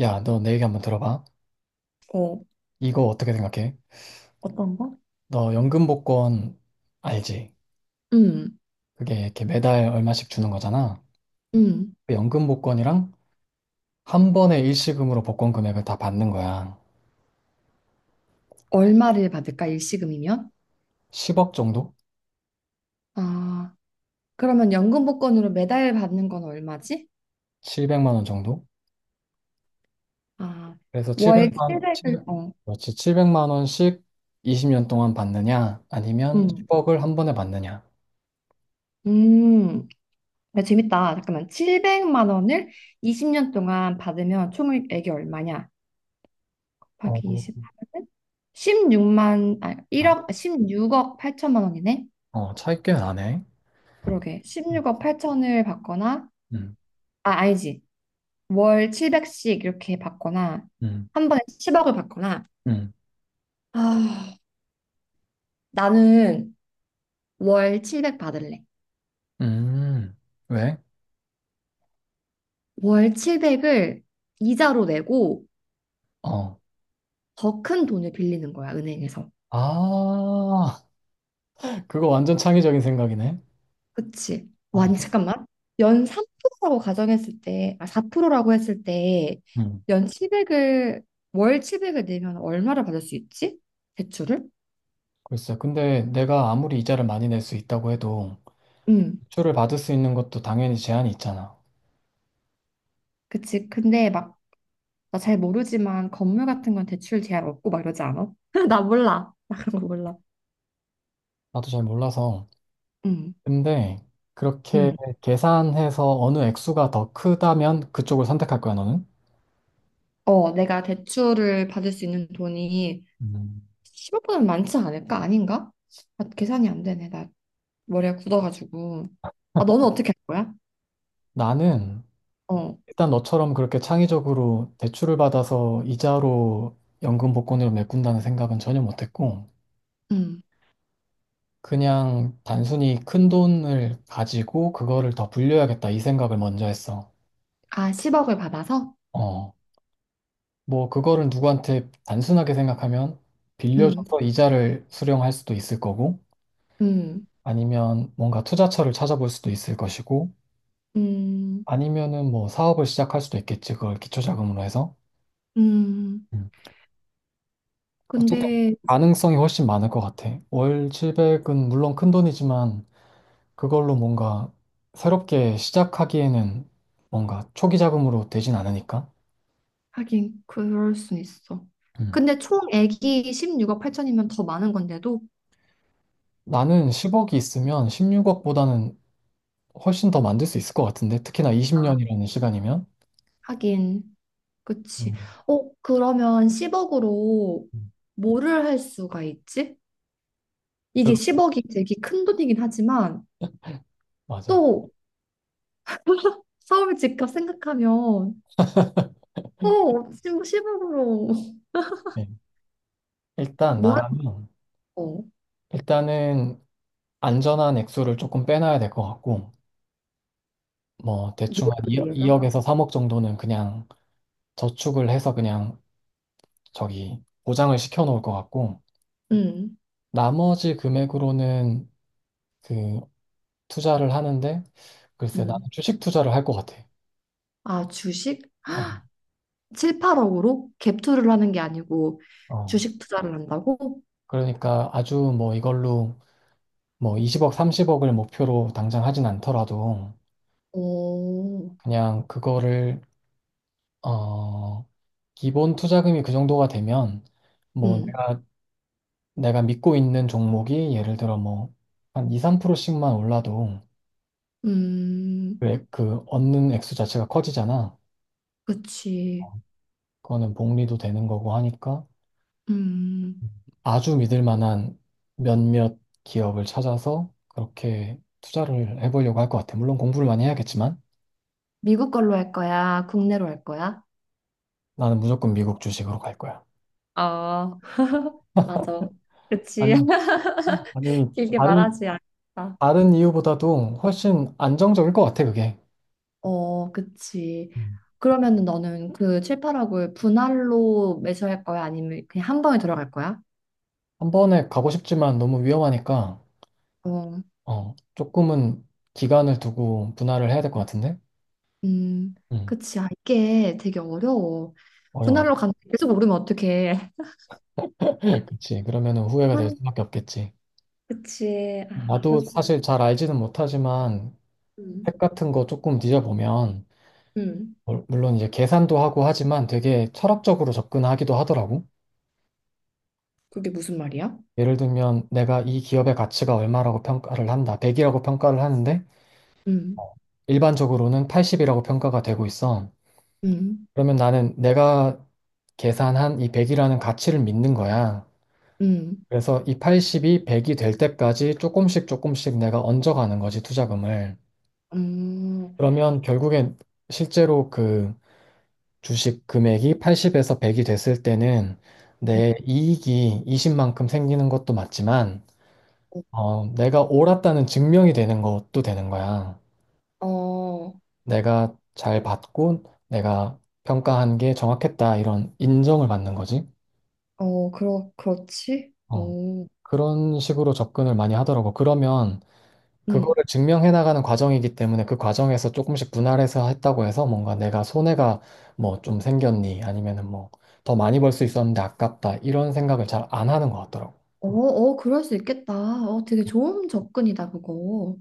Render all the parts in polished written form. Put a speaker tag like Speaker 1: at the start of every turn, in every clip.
Speaker 1: 야, 너 내 얘기 한번 들어봐.
Speaker 2: 어,
Speaker 1: 이거 어떻게 생각해?
Speaker 2: 어떤 거?
Speaker 1: 너 연금복권 알지?
Speaker 2: 음,
Speaker 1: 그게 이렇게 매달 얼마씩 주는 거잖아.
Speaker 2: 음.
Speaker 1: 그 연금복권이랑 한 번에 일시금으로 복권 금액을 다 받는 거야.
Speaker 2: 얼마를 받을까? 일시금이면?
Speaker 1: 10억 정도?
Speaker 2: 아, 그러면 연금 복권으로 매달 받는 건 얼마지?
Speaker 1: 700만 원 정도?
Speaker 2: 아,
Speaker 1: 그래서
Speaker 2: 월
Speaker 1: 700만 원, 7
Speaker 2: 700을,
Speaker 1: 0
Speaker 2: 어,
Speaker 1: 그렇지. 만 원씩 20년 동안 받느냐? 아니면
Speaker 2: 음,
Speaker 1: 10억을 한 번에 받느냐?
Speaker 2: 음. 야, 재밌다. 잠깐만. 700만 원을 20년 동안 받으면 총액이 얼마냐?
Speaker 1: 어,
Speaker 2: 곱하기 십8은 16만, 아, 일
Speaker 1: 아,
Speaker 2: 억 십육억 8천만 원이네?
Speaker 1: 어, 차이 꽤 나네.
Speaker 2: 그러게.
Speaker 1: 음,
Speaker 2: 16억 8천을 받거나,
Speaker 1: 음,
Speaker 2: 아, 아니지. 월 700씩 이렇게 받거나
Speaker 1: 음,
Speaker 2: 한 번에 10억을 받거나
Speaker 1: 음.
Speaker 2: 아, 나는 월 700 받을래.
Speaker 1: 음. 왜?
Speaker 2: 월 700을 이자로 내고
Speaker 1: 어.
Speaker 2: 더 큰 돈을 빌리는 거야, 은행에서.
Speaker 1: 아. 그거 완전 창의적인 생각이네.
Speaker 2: 그치? 와,
Speaker 1: 어,
Speaker 2: 아니, 잠깐만. 연 3%라고 가정했을 때, 아, 4%라고 했을 때,
Speaker 1: 음,
Speaker 2: 연 700을, 월 700을 내면 얼마를 받을 수 있지? 대출을?
Speaker 1: 글쎄, 근데 내가 아무리 이자를 많이 낼 수 있다고 해도
Speaker 2: 응,
Speaker 1: 대출을 받을 수 있는 것도 당연히 제한이 있잖아.
Speaker 2: 그치. 근데 막 나 잘 모르지만 건물 같은 건 대출 제한 없고 막 이러지 않아? 나 몰라. 나 그런 거 몰라.
Speaker 1: 나도 잘 몰라서.
Speaker 2: 응,
Speaker 1: 근데 그렇게
Speaker 2: 응.
Speaker 1: 계산해서 어느 액수가 더 크다면 그쪽을 선택할 거야, 너는?
Speaker 2: 어, 내가 대출을 받을 수 있는 돈이
Speaker 1: 음,
Speaker 2: 10억보다는 많지 않을까? 아닌가? 아, 계산이 안 되네. 나 머리가 굳어가지고. 아, 너는 어떻게 할 거야?
Speaker 1: 나는
Speaker 2: 어,
Speaker 1: 일단 너처럼 그렇게 창의적으로 대출을 받아서 이자로 연금 복권으로 메꾼다는 생각은 전혀 못했고,
Speaker 2: 응.
Speaker 1: 그냥 단순히 큰 돈을 가지고 그거를 더 불려야겠다 이 생각을 먼저 했어.
Speaker 2: 아, 10억을 받아서?
Speaker 1: 어, 뭐, 그거를 누구한테 단순하게 생각하면
Speaker 2: 응,
Speaker 1: 빌려줘서 이자를 수령할 수도 있을 거고,
Speaker 2: 응,
Speaker 1: 아니면 뭔가 투자처를 찾아볼 수도 있을 것이고,
Speaker 2: 응,
Speaker 1: 아니면은 뭐 사업을 시작할 수도 있겠지. 그걸 기초자금으로 해서.
Speaker 2: 응.
Speaker 1: 음. 어쨌든
Speaker 2: 근데
Speaker 1: 가능성이 훨씬 많을 것 같아. 월 700은 물론 큰 돈이지만, 그걸로 뭔가 새롭게 시작하기에는 뭔가 초기 자금으로 되진 않으니까.
Speaker 2: 하긴 그럴 순 있어.
Speaker 1: 음.
Speaker 2: 근데 총액이 16억 8천이면 더 많은 건데도
Speaker 1: 나는 10억이 있으면 16억보다는 훨씬 더 만들 수 있을 것 같은데 특히나
Speaker 2: 아,
Speaker 1: 20년이라는 시간이면
Speaker 2: 하긴. 그치.
Speaker 1: 음,
Speaker 2: 어, 그러면 10억으로
Speaker 1: 음.
Speaker 2: 뭐를 할 수가 있지? 이게
Speaker 1: 그-
Speaker 2: 10억이 되게 큰 돈이긴 하지만
Speaker 1: 맞아.
Speaker 2: 또 서울 집값 생각하면 어, 지금 10억으로
Speaker 1: 네. 일단
Speaker 2: 뭐 할
Speaker 1: 나라면
Speaker 2: 거?
Speaker 1: 일단은 안전한 액수를 조금 빼놔야 될 것 같고 뭐
Speaker 2: 뭐를
Speaker 1: 대충 한
Speaker 2: 위해서?
Speaker 1: 2억, 에서 3억 정도는 그냥 저축을 해서 그냥 저기 보장을 시켜 놓을 것 같고
Speaker 2: 응,
Speaker 1: 나머지 금액으로는 그 투자를 하는데 글쎄 나는
Speaker 2: 응.
Speaker 1: 주식 투자를 할 것 같아.
Speaker 2: 아, 주식?
Speaker 1: 어.
Speaker 2: 7, 8억으로 갭 투자를 하는 게 아니고
Speaker 1: 어.
Speaker 2: 주식 투자를 한다고?
Speaker 1: 그러니까 아주 뭐 이걸로 뭐 20억, 30억을 목표로 당장 하진 않더라도
Speaker 2: 오,
Speaker 1: 그냥 그거를 어, 기본 투자금이 그 정도가 되면 뭐
Speaker 2: 응,
Speaker 1: 내가 믿고 있는 종목이 예를 들어 뭐 한 2, 3%씩만 올라도
Speaker 2: 음,
Speaker 1: 그, 그 얻는 액수 자체가 커지잖아.
Speaker 2: 그치.
Speaker 1: 그거는 복리도 되는 거고 하니까
Speaker 2: 음,
Speaker 1: 아주 믿을 만한 몇몇 기업을 찾아서 그렇게 투자를 해보려고 할 것 같아. 물론 공부를 많이 해야겠지만
Speaker 2: 미국 걸로 할 거야? 국내로 할 거야?
Speaker 1: 나는 무조건 미국 주식으로 갈 거야.
Speaker 2: 아, 맞아. 그치.
Speaker 1: 아니, 아니,
Speaker 2: 길게
Speaker 1: 다른,
Speaker 2: 말하지 않겠다.
Speaker 1: 다른 이유보다도 훨씬 안정적일 것 같아, 그게.
Speaker 2: 어, 그치.
Speaker 1: 음.
Speaker 2: 그러면은 너는 그 7, 8억을 분할로 매수할 거야? 아니면 그냥 한 방에 들어갈 거야?
Speaker 1: 한 번에 가고 싶지만 너무 위험하니까,
Speaker 2: 어,
Speaker 1: 어, 조금은 기간을 두고 분할을 해야 될 것 같은데?
Speaker 2: 음,
Speaker 1: 음,
Speaker 2: 그치. 아, 이게 되게 어려워.
Speaker 1: 어려워.
Speaker 2: 분할로 가면 계속 오르면 어떡해.
Speaker 1: 그치. 그러면은 후회가 될 수밖에 없겠지.
Speaker 2: 그치. 아,
Speaker 1: 나도
Speaker 2: 그렇구나.
Speaker 1: 사실 잘 알지는 못하지만,
Speaker 2: 음,
Speaker 1: 책 같은 거 조금 뒤져보면,
Speaker 2: 음.
Speaker 1: 물론 이제 계산도 하고 하지만 되게 철학적으로 접근하기도 하더라고.
Speaker 2: 그게 무슨 말이야?
Speaker 1: 예를 들면, 내가 이 기업의 가치가 얼마라고 평가를 한다. 100이라고 평가를 하는데,
Speaker 2: 음,
Speaker 1: 일반적으로는 80이라고 평가가 되고 있어.
Speaker 2: 음,
Speaker 1: 그러면 나는 내가 계산한 이 100이라는 가치를 믿는 거야.
Speaker 2: 음,
Speaker 1: 그래서 이 80이 100이 될 때까지 조금씩 조금씩 내가 얹어가는 거지, 투자금을.
Speaker 2: 음,
Speaker 1: 그러면 결국엔 실제로 그 주식 금액이 80에서 100이 됐을 때는
Speaker 2: 음.
Speaker 1: 내 이익이 20만큼 생기는 것도 맞지만, 어, 내가 옳았다는 증명이 되는 것도 되는 거야.
Speaker 2: 어,
Speaker 1: 내가 잘 받고 내가 평가한 게 정확했다 이런 인정을 받는 거지.
Speaker 2: 어, 그렇지?
Speaker 1: 어,
Speaker 2: 오,
Speaker 1: 그런 식으로 접근을 많이 하더라고. 그러면
Speaker 2: 음.
Speaker 1: 그거를 증명해 나가는 과정이기 때문에 그 과정에서 조금씩 분할해서 했다고 해서 뭔가 내가 손해가 뭐 좀 생겼니 아니면은 뭐 더 많이 벌 수 있었는데 아깝다 이런 생각을 잘 안 하는 것 같더라고.
Speaker 2: 어, 어, 그럴 수 있겠다. 어, 되게 좋은 접근이다, 그거.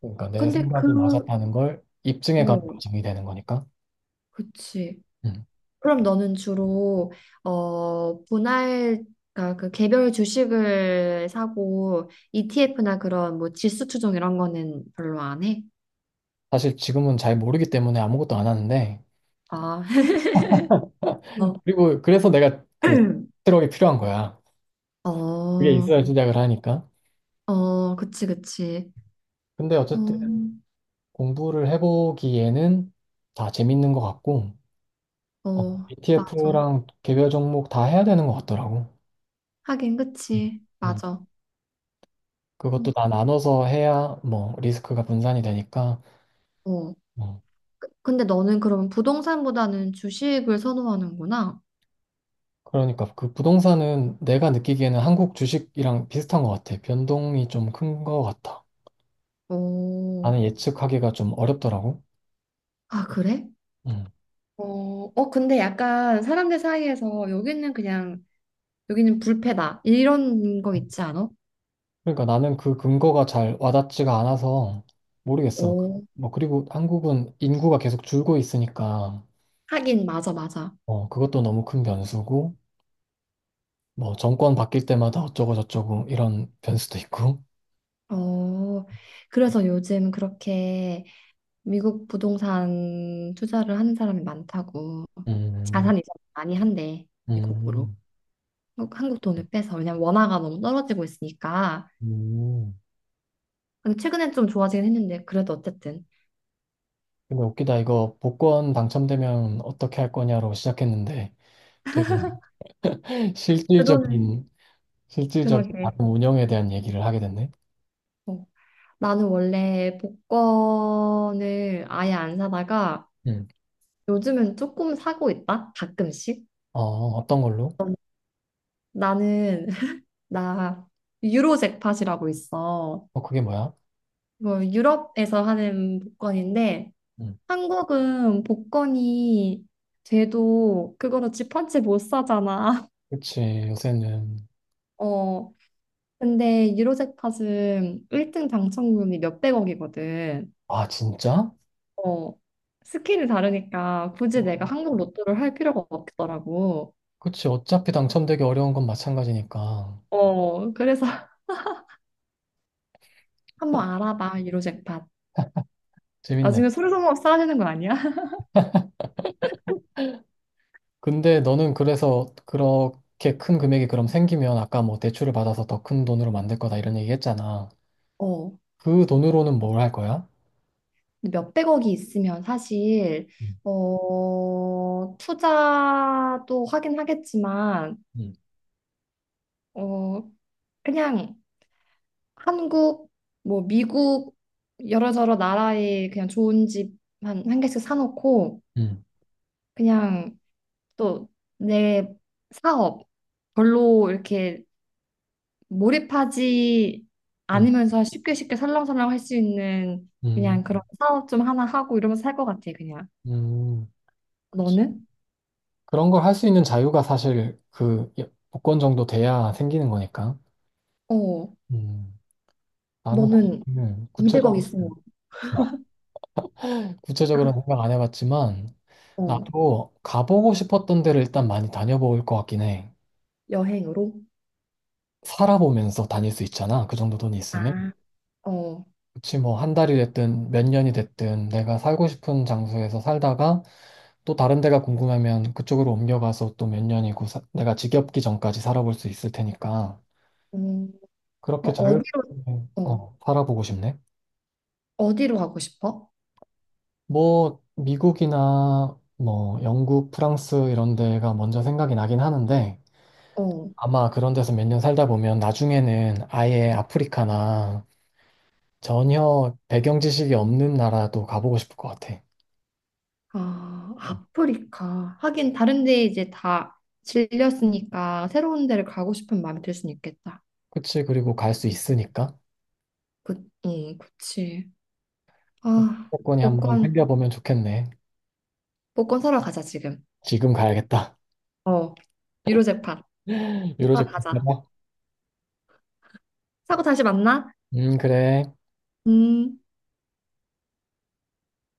Speaker 1: 그러니까 내
Speaker 2: 근데
Speaker 1: 생각이
Speaker 2: 그,
Speaker 1: 맞았다는 걸 입증해 가는
Speaker 2: 어,
Speaker 1: 과정이 되는 거니까.
Speaker 2: 그치.
Speaker 1: 음.
Speaker 2: 그럼 너는 주로, 어, 분할, 그러니까 그 개별 주식을 사고, ETF나 그런 뭐 지수 추종 이런 거는 별로 안 해?
Speaker 1: 사실 지금은 잘 모르기 때문에 아무것도 안 하는데
Speaker 2: 아, 어,
Speaker 1: 그리고 그래서 내가 그트력이 필요한 거야. 그게
Speaker 2: 어,
Speaker 1: 있어야 시작을 하니까.
Speaker 2: 어, 그치, 그치.
Speaker 1: 근데
Speaker 2: 어,
Speaker 1: 어쨌든 공부를 해보기에는 다 재밌는 것 같고,
Speaker 2: 어, 맞아.
Speaker 1: ETF랑 개별 종목 다 해야 되는 것 같더라고.
Speaker 2: 하긴,
Speaker 1: 음.
Speaker 2: 그치.
Speaker 1: 음.
Speaker 2: 맞아. 음,
Speaker 1: 그것도 다 나눠서 해야 뭐 리스크가 분산이 되니까.
Speaker 2: 어.
Speaker 1: 어,
Speaker 2: 근데 너는 그럼 부동산보다는 주식을 선호하는구나.
Speaker 1: 그러니까 그 부동산은 내가 느끼기에는 한국 주식이랑 비슷한 것 같아. 변동이 좀 큰 것 같아.
Speaker 2: 오,
Speaker 1: 나는 예측하기가 좀 어렵더라고.
Speaker 2: 아, 그래?
Speaker 1: 음.
Speaker 2: 어, 어, 근데 약간 사람들 사이에서 여기는 그냥, 여기는 불패다. 이런 거 있지 않아?
Speaker 1: 그러니까 나는 그 근거가 잘 와닿지가 않아서 모르겠어.
Speaker 2: 오,
Speaker 1: 뭐 그리고 한국은 인구가 계속 줄고 있으니까
Speaker 2: 하긴, 맞아, 맞아.
Speaker 1: 어 그것도 너무 큰 변수고 뭐 정권 바뀔 때마다 어쩌고 저쩌고 이런 변수도 있고.
Speaker 2: 어, 그래서 요즘 그렇게 미국 부동산 투자를 하는 사람이 많다고.
Speaker 1: 음,
Speaker 2: 자산 이전 많이 한대, 미국으로.
Speaker 1: 음,
Speaker 2: 한국 돈을 빼서. 왜냐면 원화가 너무 떨어지고 있으니까.
Speaker 1: 음.
Speaker 2: 근데 최근엔 좀 좋아지긴 했는데, 그래도 어쨌든.
Speaker 1: 근데 웃기다 이거 복권 당첨되면 어떻게 할 거냐로 시작했는데 되게
Speaker 2: 그러네.
Speaker 1: 실질적인 실질적인
Speaker 2: 그러게.
Speaker 1: 다른 운영에 대한 얘기를 하게 됐네.
Speaker 2: 어. 나는 원래 복권을 아예 안 사다가
Speaker 1: 음.
Speaker 2: 요즘은 조금 사고 있다. 가끔씩.
Speaker 1: 어 어떤 걸로?
Speaker 2: 나는 나 유로 잭팟이라고 있어.
Speaker 1: 어 그게 뭐야?
Speaker 2: 이거 유럽에서 하는 복권인데
Speaker 1: 음.
Speaker 2: 한국은 복권이 돼도 그거로 집한채 못 사잖아.
Speaker 1: 그치 요새는
Speaker 2: 어. 근데 유로 잭팟은 1등 당첨금이 몇백억이거든.
Speaker 1: 아, 진짜?
Speaker 2: 어, 스킬이 다르니까 굳이 내가 한국 로또를 할 필요가 없더라고.
Speaker 1: 그치. 어차피 당첨되기 어려운 건 마찬가지니까.
Speaker 2: 어, 그래서 한번 알아봐, 유로잭팟.
Speaker 1: 재밌네.
Speaker 2: 나중에 솔선수범 사아지는 거 아니야?
Speaker 1: 근데 너는 그래서 그렇게 큰 금액이 그럼 생기면 아까 뭐 대출을 받아서 더 큰 돈으로 만들 거다 이런 얘기 했잖아.
Speaker 2: 어,
Speaker 1: 그 돈으로는 뭘 할 거야?
Speaker 2: 근데 몇백억이 있으면 사실,
Speaker 1: 음,
Speaker 2: 어, 투자도 하긴 하겠지만,
Speaker 1: 음,
Speaker 2: 어, 그냥 한국, 뭐 미국, 여러저러 나라에 그냥 좋은 집 한 개씩 사놓고,
Speaker 1: 음,
Speaker 2: 그냥 또 내 사업, 별로 이렇게 몰입하지
Speaker 1: 음,
Speaker 2: 않으면서 쉽게 쉽게 설렁설렁 할 수 있는
Speaker 1: 음,
Speaker 2: 그냥 그런 사업 좀 하나 하고 이러면서 살 것 같아, 그냥.
Speaker 1: 음. 그치.
Speaker 2: 너는?
Speaker 1: 그런 걸 할 수 있는 자유가 사실 그 복권 정도 돼야 생기는 거니까.
Speaker 2: 어,
Speaker 1: 음, 나는
Speaker 2: 너는
Speaker 1: 사실
Speaker 2: 200억
Speaker 1: 구체적으로,
Speaker 2: 있으면,
Speaker 1: 구체적으로 생각 안 해봤지만
Speaker 2: 어,
Speaker 1: 나도 가보고 싶었던 데를 일단 많이 다녀볼 것 같긴 해.
Speaker 2: 여행으로?
Speaker 1: 살아보면서 다닐 수 있잖아. 그 정도 돈이 있으면.
Speaker 2: 아. 어,
Speaker 1: 그치, 뭐, 한 달이 됐든, 몇 년이 됐든, 내가 살고 싶은 장소에서 살다가, 또 다른 데가 궁금하면 그쪽으로 옮겨가서 또 몇 년이고, 내가 지겹기 전까지 살아볼 수 있을 테니까.
Speaker 2: 음,
Speaker 1: 그렇게
Speaker 2: 뭐
Speaker 1: 잘
Speaker 2: 어디로, 어,
Speaker 1: 어, 살아보고 싶네.
Speaker 2: 어디로 가고 싶어?
Speaker 1: 뭐, 미국이나, 뭐, 영국, 프랑스 이런 데가 먼저 생각이 나긴 하는데,
Speaker 2: 어,
Speaker 1: 아마 그런 데서 몇 년 살다 보면 나중에는 아예 아프리카나 전혀 배경 지식이 없는 나라도 가보고 싶을 것 같아.
Speaker 2: 아, 아프리카. 하긴 다른 데 이제 다 질렸으니까 새로운 데를 가고 싶은 마음이 들 수는 있겠다.
Speaker 1: 그치? 그리고 갈 수 있으니까.
Speaker 2: 그, 응, 그치.
Speaker 1: 그
Speaker 2: 아,
Speaker 1: 조건이 한번
Speaker 2: 복권,
Speaker 1: 생겨보면 좋겠네.
Speaker 2: 복권 사러 가자, 지금.
Speaker 1: 지금 가야겠다.
Speaker 2: 어, 유로재판 하러
Speaker 1: 유로족
Speaker 2: 가자.
Speaker 1: 가봐.
Speaker 2: 사고 다시 만나?
Speaker 1: 그래.
Speaker 2: 음.